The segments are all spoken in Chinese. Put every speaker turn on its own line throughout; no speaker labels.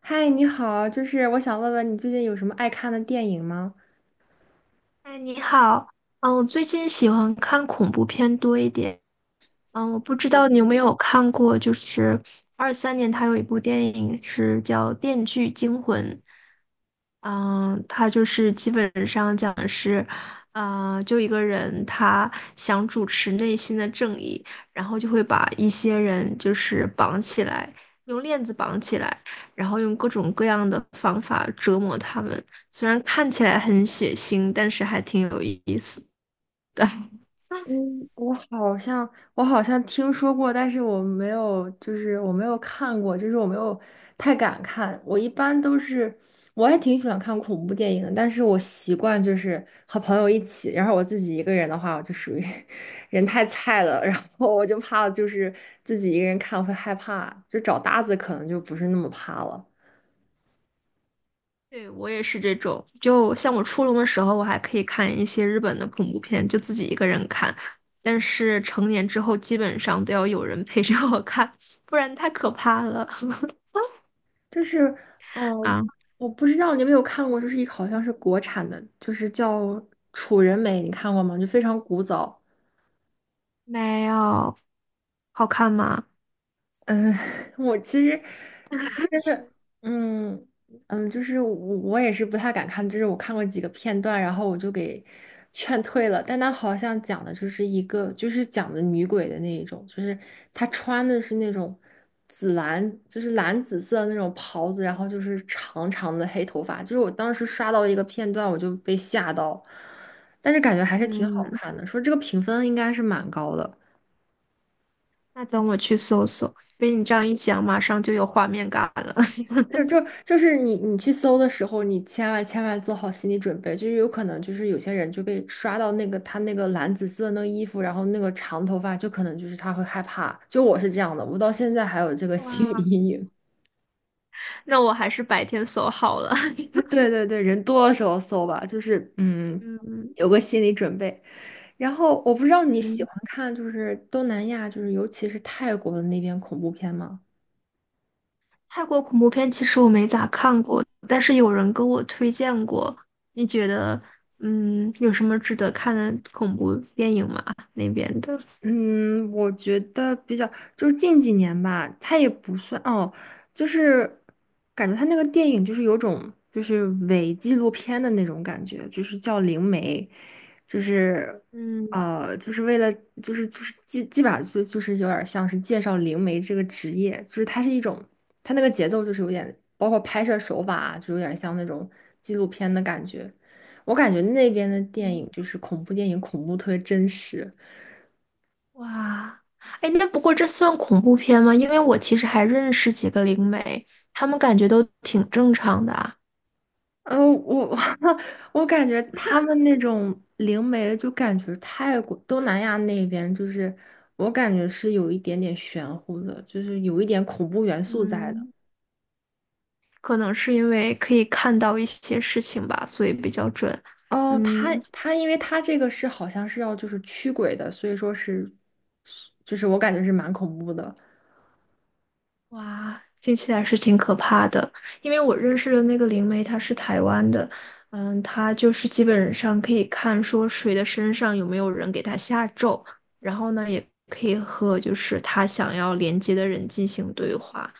嗨，你好，就是我想问问你最近有什么爱看的电影吗？
哎，你好，我最近喜欢看恐怖片多一点，我不知道你有没有看过，就是23年他有一部电影是叫《电锯惊魂》，嗯，他就是基本上讲的是，就一个人他想主持内心的正义，然后就会把一些人就是绑起来，用链子绑起来，然后用各种各样的方法折磨他们。虽然看起来很血腥，但是还挺有意思的。
嗯，我好像我好像听说过，但是我没有，就是我没有看过，就是我没有太敢看。我一般都是，我还挺喜欢看恐怖电影的，但是我习惯就是和朋友一起，然后我自己一个人的话，我就属于 人太菜了，然后我就怕就是自己一个人看会害怕，就找搭子可能就不是那么怕了。
对，我也是这种。就像我初中的时候，我还可以看一些日本的恐怖片，就自己一个人看。但是成年之后，基本上都要有人陪着我看，不然太可怕了。
就是，嗯，
啊，
我不知道你有没有看过，就是一个好像是国产的，就是叫《楚人美》，你看过吗？就非常古早。
没有，好看吗？
嗯，我其实其 实，嗯嗯，就是我也是不太敢看，就是我看过几个片段，然后我就给劝退了。但他好像讲的就是一个，就是讲的女鬼的那一种，就是她穿的是那种紫蓝，就是蓝紫色的那种袍子，然后就是长长的黑头发。就是我当时刷到一个片段，我就被吓到，但是感觉还是挺好
嗯，
看的，说这个评分应该是蛮高的。
那等我去搜搜。被你这样一讲，马上就有画面感了。
就就就是你去搜的时候，你千万千万做好心理准备，就是有可能就是有些人就被刷到那个他那个蓝紫色的那个衣服，然后那个长头发，就可能就是他会害怕。就我是这样的，我到现在还有这个心理
哇，
阴影。
那我还是白天搜好了。
对对对，人多的时候搜吧，就是
嗯
有个心理准备。然后我不知道你喜
嗯。
欢看就是东南亚，就是尤其是泰国的那边恐怖片吗？
泰国恐怖片其实我没咋看过，但是有人跟我推荐过。你觉得，有什么值得看的恐怖电影吗？那边的，
嗯，我觉得比较就是近几年吧，它也不算哦，就是感觉它那个电影就是有种就是伪纪录片的那种感觉，就是叫《灵媒》，就是
嗯，
就是为了就是基本上就是有点像是介绍灵媒这个职业，就是它是一种它那个节奏就是有点包括拍摄手法啊，就有点像那种纪录片的感觉。我感觉那边的电影就是恐怖电影，恐怖特别真实。
哇，哎，那不过这算恐怖片吗？因为我其实还认识几个灵媒，他们感觉都挺正常的啊。
嗯，我 我感觉他们那种灵媒，就感觉泰国、东南亚那边，就是我感觉是有一点点玄乎的，就是有一点恐怖元素在的。
嗯，可能是因为可以看到一些事情吧，所以比较准。
哦，他
嗯。
他，因为他这个是好像是要就是驱鬼的，所以说是，就是我感觉是蛮恐怖的。
哇，听起来是挺可怕的。因为我认识的那个灵媒，她是台湾的，她就是基本上可以看说谁的身上有没有人给她下咒，然后呢，也可以和就是他想要连接的人进行对话，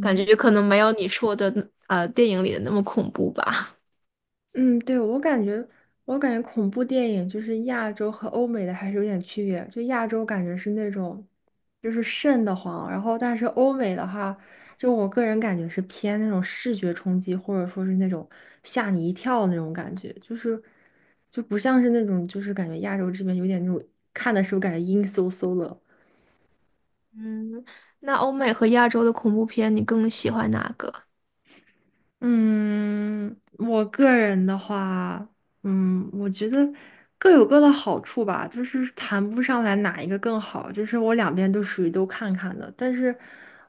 感觉可能没有你说的电影里的那么恐怖吧。
嗯，对，我感觉恐怖电影就是亚洲和欧美的还是有点区别。就亚洲感觉是那种，就是瘆得慌，然后但是欧美的话，就我个人感觉是偏那种视觉冲击，或者说是那种吓你一跳那种感觉，就是就不像是那种，就是感觉亚洲这边有点那种看的时候感觉阴飕飕的。
嗯，那欧美和亚洲的恐怖片，你更喜欢哪个？
嗯，我个人的话，嗯，我觉得各有各的好处吧，就是谈不上来哪一个更好，就是我两边都属于都看看的，但是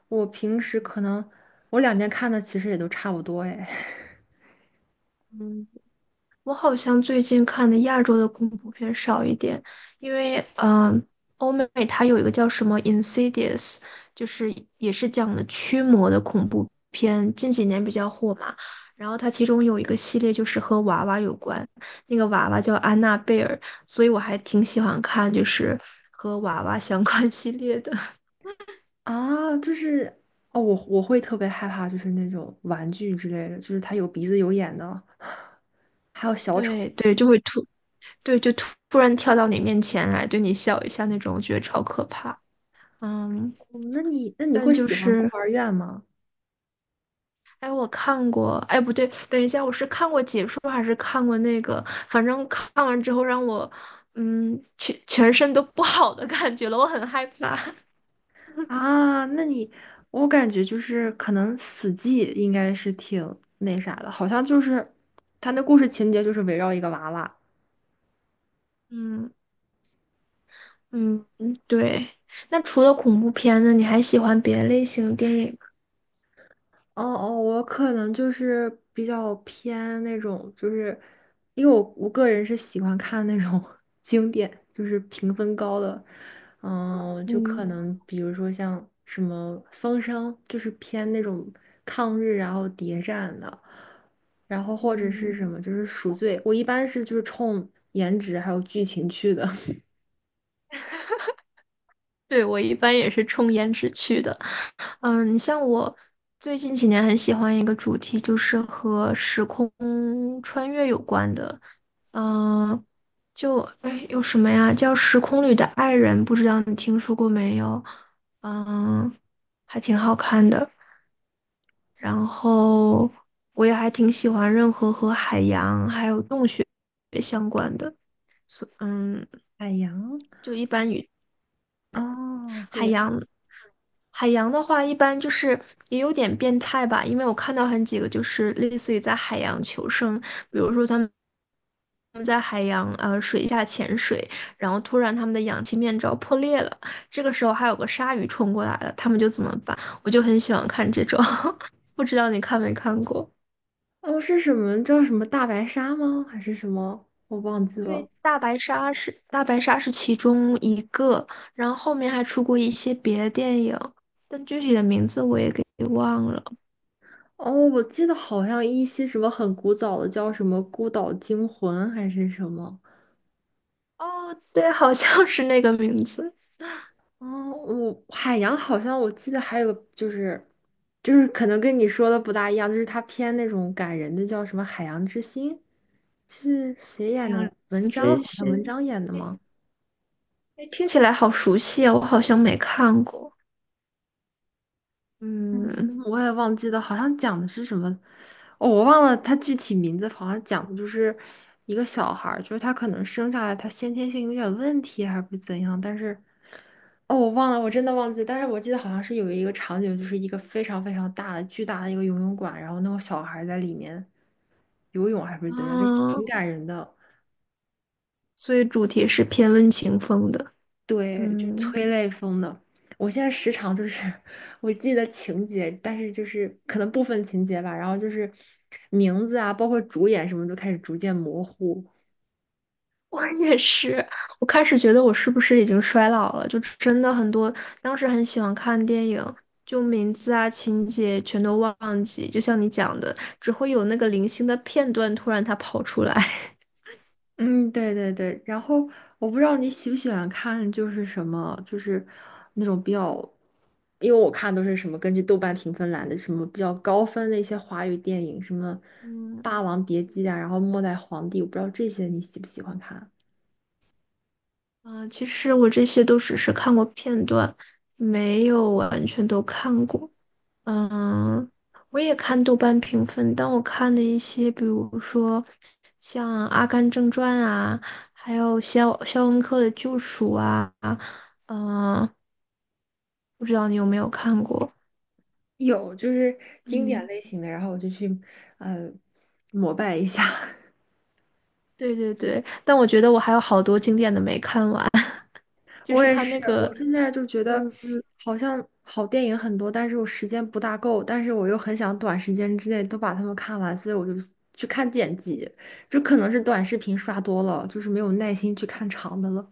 我平时可能我两边看的其实也都差不多哎。
嗯。我好像最近看的亚洲的恐怖片少一点，因为欧美它有一个叫什么《Insidious》,就是也是讲的驱魔的恐怖片，近几年比较火嘛。然后它其中有一个系列就是和娃娃有关，那个娃娃叫安娜贝尔，所以我还挺喜欢看就是和娃娃相关 系列的。
啊，就是哦，我会特别害怕，就是那种玩具之类的，就是它有鼻子有眼的，还有 小丑。
对对，就会突对就突突然跳到你面前来，对你笑一下那种，我觉得超可怕。嗯，
哦那你
但
会
就
喜欢孤
是。
儿院吗？
哎，我看过，哎，不对，等一下，我是看过解说还是看过那个？反正看完之后让我，全身都不好的感觉了，我很害怕。
啊，那你，我感觉就是可能死寂应该是挺那啥的，好像就是他那故事情节就是围绕一个娃娃，
嗯嗯嗯，对。那除了恐怖片呢，你还喜欢别的类型电影吗？
哦哦，我可能就是比较偏那种，就是因为我个人是喜欢看那种 经典，就是评分高的，嗯，就
嗯
可能比如说像什么《风声》，就是偏那种抗日然后谍战的，然后或者是
嗯，
什么就是赎罪，我一般是就是冲颜值还有剧情去的。
对，我一般也是冲颜值去的。你像我最近几年很喜欢一个主题，就是和时空穿越有关的。嗯，就哎有什么呀？叫《时空里的爱人》，不知道你听说过没有？嗯，还挺好看的。然后我也还挺喜欢任何和海洋还有洞穴相关的。嗯，
海洋，
就一般与。
哦，
海
对，
洋，海洋的话，一般就是也有点变态吧，因为我看到很几个就是类似于在海洋求生，比如说他们在海洋水下潜水，然后突然他们的氧气面罩破裂了，这个时候还有个鲨鱼冲过来了，他们就怎么办？我就很喜欢看这种，不知道你看没看过？
哦，是什么叫什么大白鲨吗？还是什么？我忘记了。
对，大白鲨是其中一个，然后后面还出过一些别的电影，但具体的名字我也给忘了。
哦，我记得好像一些什么很古早的叫什么《孤岛惊魂》还是什么。
哦，对，好像是那个名字。
哦，我海洋好像我记得还有个就是，就是可能跟你说的不大一样，就是它偏那种感人的，叫什么《海洋之心》，是谁演的来？
两
文章好
只
像文
星，
章演的
哎，
吗？
哎听起来好熟悉啊，我好像没看过。
嗯，
嗯，
我也忘记了，好像讲的是什么，哦，我忘了它具体名字，好像讲的就是一个小孩儿，就是他可能生下来他先天性有点问题还是不怎样，但是。哦，我忘了，我真的忘记了，但是我记得好像是有一个场景，就是一个非常非常大的、巨大的一个游泳馆，然后那个小孩儿在里面游泳还不是怎样，就是
啊，
挺感人的，
所以主题是偏温情风的。
对，就是
嗯，
催泪风的。我现在时常就是 我记得情节，但是就是可能部分情节吧，然后就是名字啊，包括主演什么都开始逐渐模糊。
我也是。我开始觉得我是不是已经衰老了？就真的很多，当时很喜欢看电影，就名字啊、情节全都忘记，就像你讲的，只会有那个零星的片段突然它跑出来。
嗯，对对对，然后我不知道你喜不喜欢看，就是什么，就是那种比较，因为我看都是什么根据豆瓣评分来的，什么比较高分的一些华语电影，什么
嗯。
《霸王别姬》啊，然后《末代皇帝》，我不知道这些你喜不喜欢看？
嗯，其实我这些都只是看过片段，没有完全都看过。嗯，我也看豆瓣评分，但我看的一些，比如说像《阿甘正传》啊，还有肖肖恩克的《救赎》啊，嗯，不知道你有没有看过？
有，就是经典
嗯，
类型的，然后我就去呃膜拜一下。
对对对，但我觉得我还有好多经典的没看完，就
我
是
也
他
是，
那
我
个。
现在就觉得
嗯。
好像好电影很多，但是我时间不大够，但是我又很想短时间之内都把它们看完，所以我就去看剪辑，就可能是短视频刷多了，就是没有耐心去看长的了。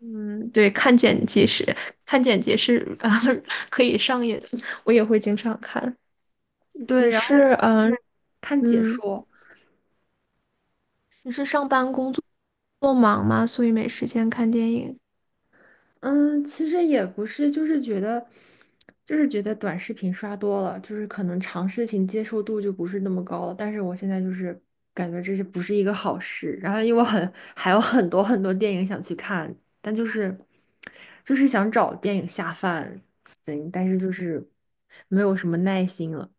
嗯，对，看剪辑是啊、可以上瘾，我也会经常看。
对，
你
然后
是
看解
嗯，
说。
上班工作忙吗？所以没时间看电影。
嗯，其实也不是，就是觉得，就是觉得短视频刷多了，就是可能长视频接受度就不是那么高了。但是我现在就是感觉这是不是一个好事。然后因为我很还有很多很多电影想去看，但就是想找电影下饭，对，但是就是没有什么耐心了。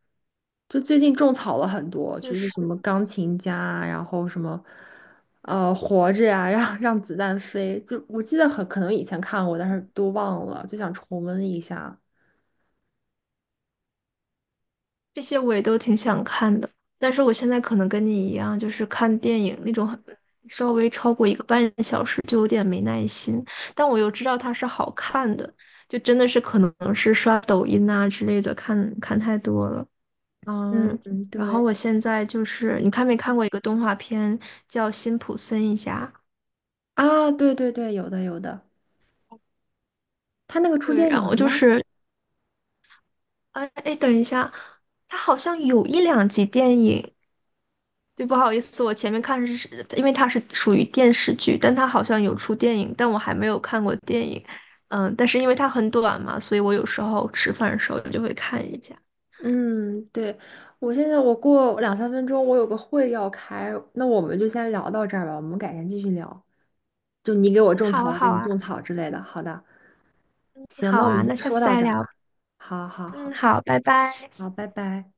就最近种草了很多，
就
就是
是
什么钢琴家啊然后什么，活着呀、让子弹飞，就我记得很可能以前看过，但是都忘了，就想重温一下。
这些我也都挺想看的，但是我现在可能跟你一样，就是看电影那种很稍微超过1个半小时就有点没耐心，但我又知道它是好看的，就真的是可能是刷抖音啊之类的看看太多了。
嗯，
嗯，
嗯
然后
对，
我现在就是，你看没看过一个动画片叫《辛普森一家》？
啊，对对对，有的有的，他那个出
对，
电
然
影了
后就
吗？
是，哎哎，等一下，它好像有一两集电影。对，不好意思，我前面看是，因为它是属于电视剧，但它好像有出电影，但我还没有看过电影。但是因为它很短嘛，所以我有时候吃饭的时候就会看一下。
嗯，对，我现在我过两三分钟，我有个会要开，那我们就先聊到这儿吧，我们改天继续聊。就你给我
嗯，
种
好
草，
啊，
我给
好
你
啊，
种草之类的。好的，行，
好
那我
啊，
们先
那下
说
次
到
再
这儿
聊。
吧。好好
嗯，
好。
好，拜拜。
好，拜拜。